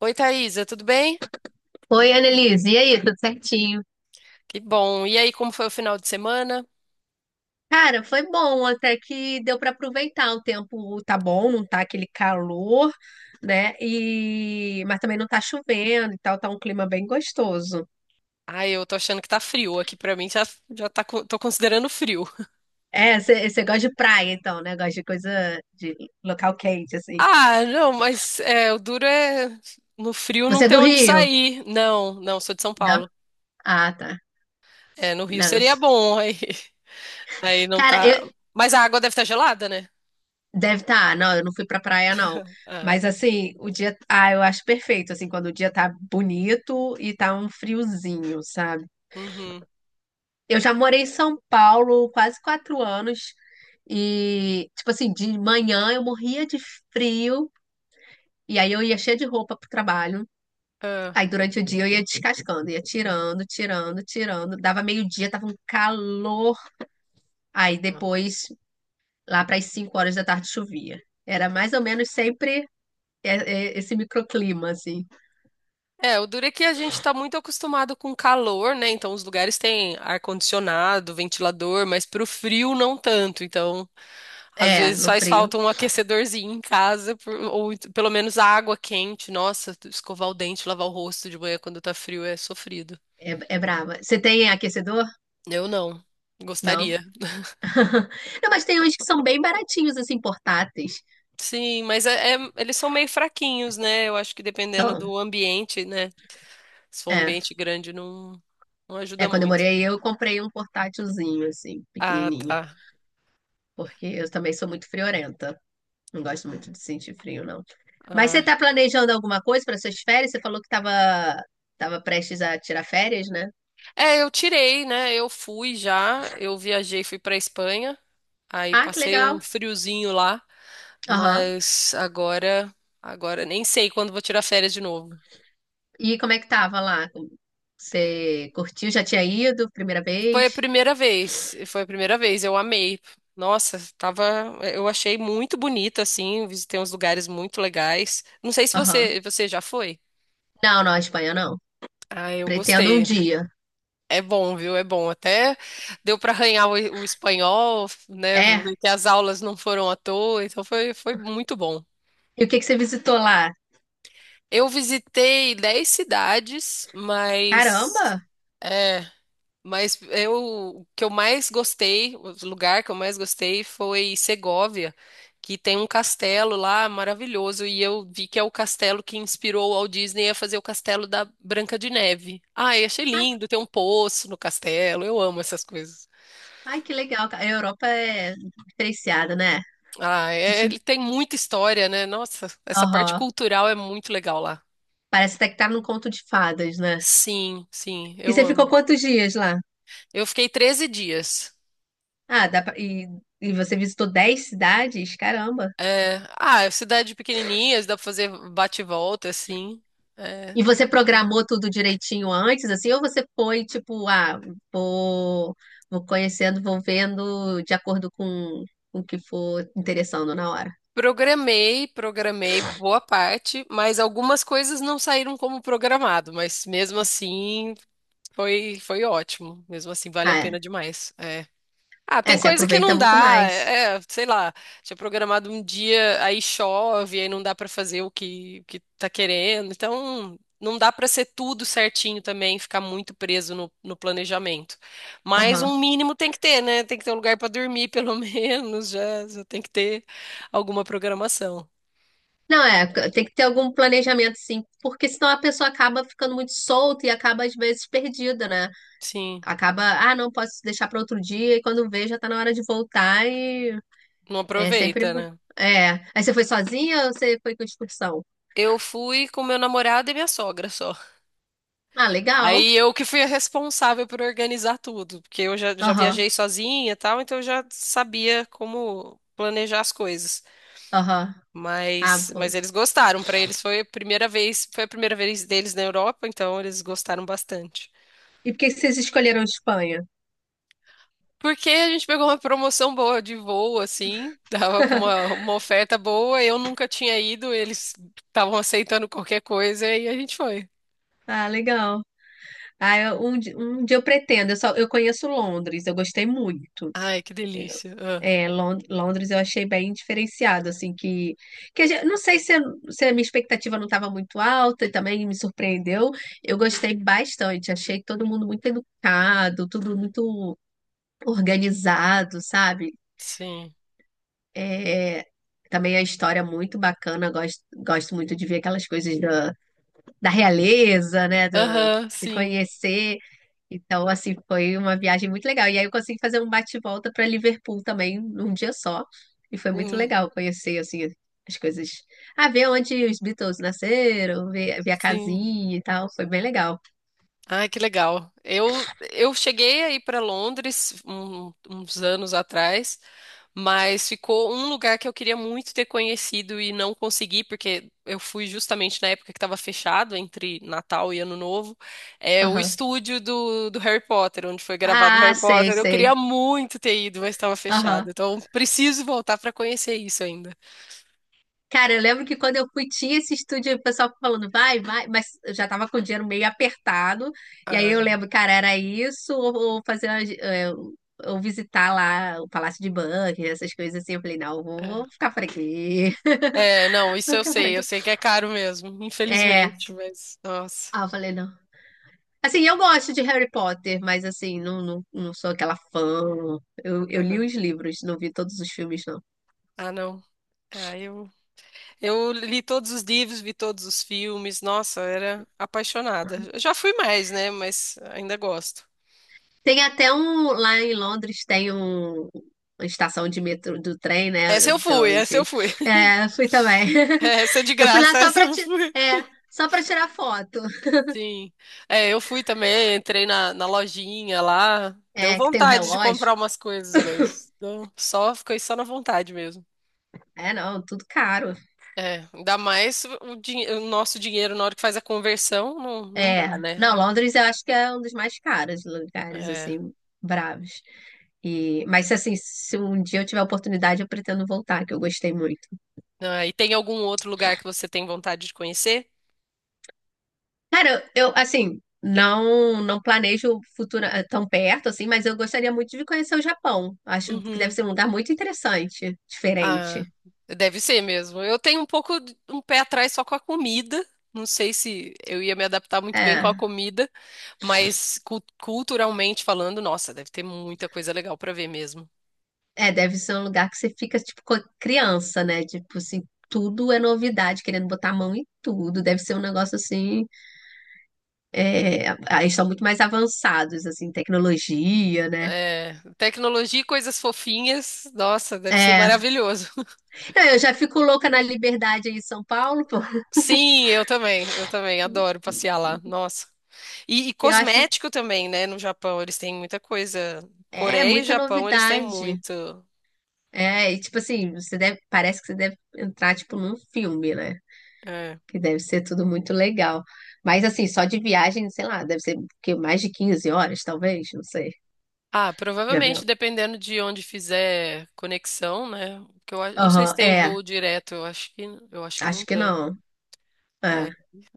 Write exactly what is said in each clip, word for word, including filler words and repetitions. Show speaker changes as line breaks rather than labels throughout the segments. Oi, Thaisa, tudo bem?
Oi, Annelise, e aí, tudo certinho?
Que bom. E aí, como foi o final de semana?
Cara, foi bom, até que deu para aproveitar. O tempo tá bom, não tá aquele calor, né? E... Mas também não tá chovendo e tal, tá um clima bem gostoso.
Ai, eu tô achando que tá frio aqui pra mim, já, já tá, co- tô considerando frio.
É, você gosta de praia, então, né? Gosta de coisa de local quente, assim.
Ah, não, mas é, o duro é no frio não
Você é
ter
do
onde
Rio?
sair. Não, não, sou de São
Não?
Paulo.
Ah, tá.
É, no Rio
Não. eu
seria
sou-
bom, aí, aí não
Cara,
tá.
eu...
Mas a água deve estar gelada, né?
Deve estar. Tá. Não, eu não fui pra praia, não.
Ah,
Mas assim, o dia. Ah, eu acho perfeito, assim, quando o dia tá bonito e tá um friozinho, sabe?
uhum.
Eu já morei em São Paulo quase quatro anos e, tipo assim, de manhã eu morria de frio e aí eu ia cheia de roupa pro trabalho.
Ah.
Aí durante o dia eu ia descascando, ia tirando, tirando, tirando. Dava meio-dia, tava um calor. Aí depois, lá para as cinco horas da tarde, chovia. Era mais ou menos sempre é- é esse microclima, assim.
É, o duro é que a gente está muito acostumado com calor, né? Então os lugares têm ar-condicionado, ventilador, mas pro frio não tanto. Então, às
É,
vezes
no
faz
frio.
falta um aquecedorzinho em casa, por- ou ent- pelo menos água quente. Nossa, escovar o dente, lavar o rosto de manhã quando tá frio é sofrido.
É, é brava. Você tem aquecedor?
Eu não.
Não.
Gostaria.
Não, mas tem uns que são bem baratinhos, assim, portáteis.
Sim, mas é- é- eles são meio fraquinhos, né? Eu acho que dependendo
Então.
do ambiente, né? Se for um
É.
ambiente grande, não, não ajuda
É, quando eu
muito.
morei aí, eu comprei um portátilzinho, assim,
Ah,
pequenininho,
tá.
porque eu também sou muito friorenta. Não gosto muito de sentir frio, não. Mas
Ah,
você tá planejando alguma coisa para suas férias? Você falou que tava, tava prestes a tirar férias, né?
é, eu tirei, né? Eu fui já, eu viajei, fui pra Espanha, aí
Ah, que
passei um
legal.
friozinho lá,
Aham.
mas agora, agora nem sei quando vou tirar férias de novo.
E como é que tava lá? Você curtiu? Já tinha ido? Primeira
Foi a
vez?
primeira vez, foi a primeira vez, eu amei. Nossa, tava, eu achei muito bonito assim, visitei uns lugares muito legais. Não sei se
Aham.
você, você já foi.
Não, não, a Espanha não.
Ah, eu
Pretendo um
gostei.
dia.
É bom, viu? É bom. Até deu para arranhar o, o espanhol, né?
É.
Ver que as aulas não foram à toa, então foi, foi muito bom.
E o que que você visitou lá?
Eu visitei dez cidades, mas
Caramba!
é, mas eu o que eu mais gostei, o lugar que eu mais gostei foi Segóvia, que tem um castelo lá maravilhoso e eu vi que é o castelo que inspirou o Walt Disney a fazer o castelo da Branca de Neve. Ai, achei
Ai,
lindo, tem um poço no castelo. Eu amo essas coisas.
ai, que legal. A Europa é diferenciada, né?
Ah, é- ele tem muita história, né? Nossa, essa parte
Aham.
cultural é muito legal lá.
Parece até que tá num conto de fadas, né?
Sim, sim,
E
eu
você ficou
amo.
quantos dias lá?
Eu fiquei treze dias.
Ah, dá pra... e, e você visitou dez cidades? Caramba.
É, ah, é cidade pequenininha, dá pra fazer bate e volta, assim. É.
E você programou tudo direitinho antes, assim? Ou você foi tipo, ah, vou, vou conhecendo, vou vendo de acordo com com o que for interessando na hora?
Programei, programei boa parte, mas algumas coisas não saíram como programado, mas mesmo assim foi, foi ótimo. Mesmo assim, vale a
Ah, é.
pena demais. É. Ah,
É,
tem
você
coisa que
aproveita
não
muito
dá.
mais.
É, é, sei lá, tinha programado um dia, aí chove, aí não dá pra fazer o que, o que tá querendo. Então, não dá pra ser tudo certinho também, ficar muito preso no, no planejamento. Mas
Aham.
um mínimo tem que ter, né? Tem que ter um lugar pra dormir, pelo menos, já, já tem que ter alguma programação.
Não, é, tem que ter algum planejamento, sim, porque senão a pessoa acaba ficando muito solta e acaba, às vezes, perdida, né?
Sim,
Acaba, ah, não posso deixar para outro dia, e quando vê, já tá na hora de voltar e
não
é sempre
aproveita,
bom.
né?
É. Aí você foi sozinha ou você foi com excursão?
Eu fui com meu namorado e minha sogra só.
Ah,
Aí
legal.
eu que fui a responsável por organizar tudo, porque eu já, já
Aham,
viajei sozinha e tal, então eu já sabia como planejar as coisas.
aham. Ah,
Mas, mas
pô.
eles gostaram, para eles foi a primeira vez, foi a primeira vez deles na Europa, então eles gostaram bastante.
E por que que vocês escolheram Espanha?
Porque a gente pegou uma promoção boa de voo, assim, tava com uma, uma oferta boa, eu nunca tinha ido, eles estavam aceitando qualquer coisa e a gente foi.
Ah, legal. Ah, eu- um, di- um dia eu pretendo. Eu só, eu conheço Londres, eu gostei muito.
Ai, que delícia. Ah,
É, Lon- Londres eu achei bem diferenciado, assim, que, que a gente- não sei se, se a minha expectativa não estava muito alta e também me surpreendeu. Eu
uhum.
gostei bastante, achei todo mundo muito educado, tudo muito organizado, sabe?
Sim.
É, também a história muito bacana, gosto, gosto muito de ver aquelas coisas da realeza, né? Do,
Aham,
de
sim.
conhecer. Então, assim, foi uma viagem muito legal. E aí eu consegui fazer um bate-volta para Liverpool também num dia só. E foi muito
Hum,
legal conhecer, assim, as coisas. Ah, ver onde os Beatles nasceram, ver, ver a
sim.
casinha e tal. Foi bem legal.
Ai, que legal. Eu, eu cheguei aí para Londres um- uns anos atrás, mas ficou um lugar que eu queria muito ter conhecido e não consegui, porque eu fui justamente na época que estava fechado, entre Natal e Ano Novo, é o
Aham.
estúdio do, do Harry Potter, onde foi gravado
Ah,
Harry
sei,
Potter. Eu
sei.
queria muito ter ido, mas estava fechado.
Aham.
Então, preciso voltar para conhecer isso ainda.
Cara, eu lembro que quando eu fui, tinha esse estúdio, o pessoal falando, vai, vai, mas eu já tava com o dinheiro meio apertado. E aí eu
Ai,
lembro, cara, era isso, ou, ou fazer, uma gi- é, ou visitar lá o Palácio de Buckingham, essas coisas assim. Eu falei, não, vou,
é.
vou ficar por aqui,
É, não, isso
vou
eu
ficar por
sei, eu
aqui.
sei que é caro mesmo,
É,
infelizmente, mas, nossa.
ah, eu falei, não. Assim, eu gosto de Harry Potter, mas assim, não, não, não sou aquela fã. Eu, eu li os livros, não vi todos os filmes, não.
Ah, não. Ah, eu, eu li todos os livros, vi todos os filmes. Nossa, eu era apaixonada. Eu já fui mais, né? Mas ainda gosto.
Tem até um, lá em Londres tem um, uma estação de metrô do trem,
Essa
né?
eu
De
fui, essa eu
onde.
fui.
É, fui também.
Essa é de
Eu fui lá
graça,
só
essa
pra,
eu
ti,
fui.
é, só pra tirar foto.
Sim. É, eu fui também, entrei na, na lojinha lá. Deu
É, que tem o
vontade de
relógio.
comprar umas coisas, mas não, só fiquei só na vontade mesmo.
É, não, tudo caro.
É, ainda mais o, dinhe- o nosso dinheiro na hora que faz a conversão, não, não
É.
dá,
Não,
né?
Londres eu acho que é um dos mais caros lugares,
É.
assim, bravos. E, mas, assim, se um dia eu tiver a oportunidade, eu pretendo voltar, que eu gostei muito.
Ah, e tem algum outro lugar que você tem vontade de conhecer?
Cara, eu, assim, não não planejo o futuro eh, tão perto, assim, mas eu gostaria muito de conhecer o Japão. Acho que deve
Uhum.
ser um lugar muito interessante, diferente.
Ah, deve ser mesmo. Eu tenho um pouco de- um pé atrás só com a comida. Não sei se eu ia me adaptar muito bem com a
É,
comida, mas cu- culturalmente falando, nossa, deve ter muita coisa legal para ver mesmo.
é, deve ser um lugar que você fica, tipo, co- criança, né? Tipo, assim, tudo é novidade, querendo botar a mão em tudo. Deve ser um negócio, assim, é, ah, eles são muito mais avançados, assim, tecnologia, né?
É, tecnologia e coisas fofinhas, nossa, deve ser
É.
maravilhoso.
Não, eu já fico louca na liberdade aí em São Paulo, pô.
Sim, eu também, eu também adoro passear lá. Nossa. E, e
Eu acho,
cosmético também, né? No Japão eles têm muita coisa.
é,
Coreia e
muita
Japão eles têm
novidade.
muito.
É, e tipo assim, você deve, parece que você deve entrar tipo num filme, né?
É.
Que deve ser tudo muito legal. Mas assim, só de viagem, sei lá, deve ser o quê? Mais de quinze horas, talvez, não sei,
Ah,
de
provavelmente
avião.
dependendo de onde fizer conexão, né? Porque eu a- não sei se
Aham,
tem
é,
voo direto, eu acho que eu acho que não
acho que
tem.
não. É.
Ai.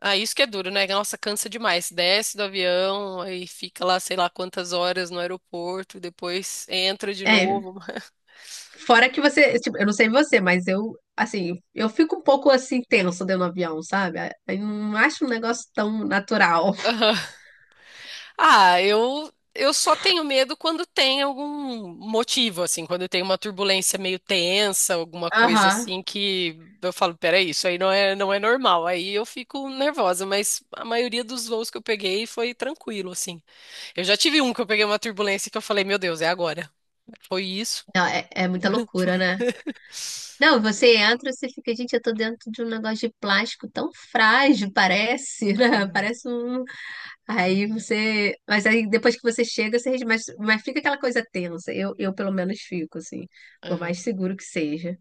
Ah, isso que é duro, né? Nossa, cansa demais. Desce do avião, aí fica lá sei lá quantas horas no aeroporto, depois entra de
É,
novo.
fora que você, tipo, eu não sei você, mas eu, assim, eu fico um pouco assim tenso dentro do avião, sabe? Eu não acho um negócio tão natural.
Ah, eu eu só tenho medo quando tem algum motivo, assim, quando tem uma turbulência meio tensa, alguma coisa
Aham.
assim que eu falo, peraí, isso aí não é não é normal. Aí eu fico nervosa, mas a maioria dos voos que eu peguei foi tranquilo, assim. Eu já tive um que eu peguei uma turbulência que eu falei, meu Deus, é agora. Foi isso.
Não, é, é muita loucura, né? Não, você entra, você fica, gente, eu tô dentro de um negócio de plástico tão frágil, parece, né? Parece um. Aí você. Mas aí depois que você chega, você. res- Mas, mas fica aquela coisa tensa. Eu, eu pelo menos fico, assim. Por
Aham.
mais seguro que seja.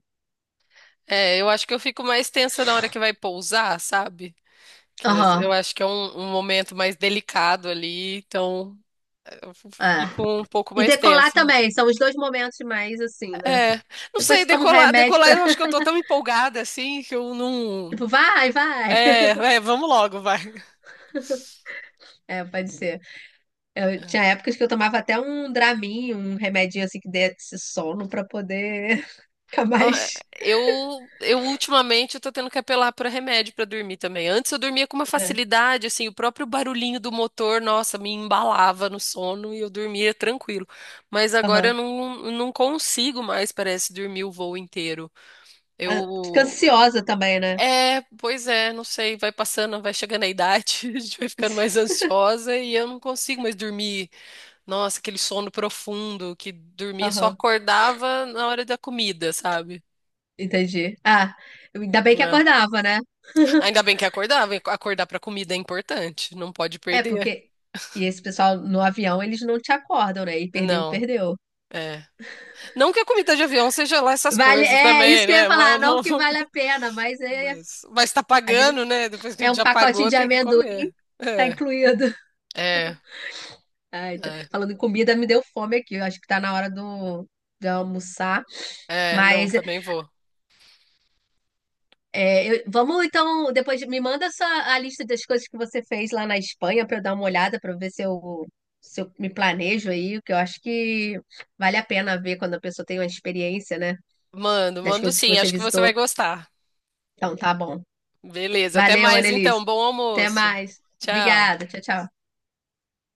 É, eu acho que eu fico mais tensa na hora que vai pousar, sabe? Que as- eu
Aham.
acho que é um, um momento mais delicado ali, então
É.
fico um pouco
E
mais
decolar
tensa.
também, são os dois momentos mais assim, né?
É, não
Depois
sei,
você toma um
decolar,
remédio
decolar,
pra.
eu acho que eu tô tão empolgada assim que eu não.
Tipo, vai, vai.
É, é, vamos logo, vai.
É, pode ser. Eu, tinha épocas que eu tomava até um Dramin, um remedinho assim que desse sono pra poder ficar
Ah,
mais.
Eu, eu ultimamente eu tô tendo que apelar para remédio para dormir também. Antes eu dormia com uma
É.
facilidade, assim, o próprio barulhinho do motor, nossa, me embalava no sono e eu dormia tranquilo. Mas agora eu não, não consigo mais, parece, dormir o voo inteiro. Eu
Ah, fica ansiosa também, né?
É, pois é, não sei, vai passando, vai chegando a idade, a gente vai ficando mais ansiosa e eu não consigo mais dormir. Nossa, aquele sono profundo que dormia, só
Aham,
acordava na hora da comida, sabe?
entendi. Ah, ainda bem que
É.
acordava, né?
Ainda bem que acordava, e acordar pra comida é importante, não pode
É,
perder.
porque. E esse pessoal no avião, eles não te acordam, né? E perdeu,
Não,
perdeu.
é. Não que a comida de avião seja lá essas
Vale,
coisas
é isso
também,
que eu ia
né?
falar,
Mas
não
não,
que vale a pena, mas é,
mas, mas tá
a gente,
pagando, né? Depois que a
é
gente
um
já
pacotinho
pagou,
de
tem que
amendoim,
comer.
tá
É,
incluído.
é,
Ai, tá-
é,
falando em comida, me deu fome aqui. Eu acho que tá na hora do, de almoçar.
é, não,
Mas
também vou.
é, eu- vamos então, depois me manda essa, a lista das coisas que você fez lá na Espanha para eu dar uma olhada, para ver se eu, se eu me planejo aí, porque eu acho que vale a pena ver quando a pessoa tem uma experiência, né,
Mando,
das
mando
coisas que
sim,
você
acho que você vai
visitou.
gostar.
Então tá bom.
Beleza, até
Valeu,
mais então.
Annelise.
Bom
Até
almoço.
mais.
Tchau.
Obrigada. Tchau, tchau.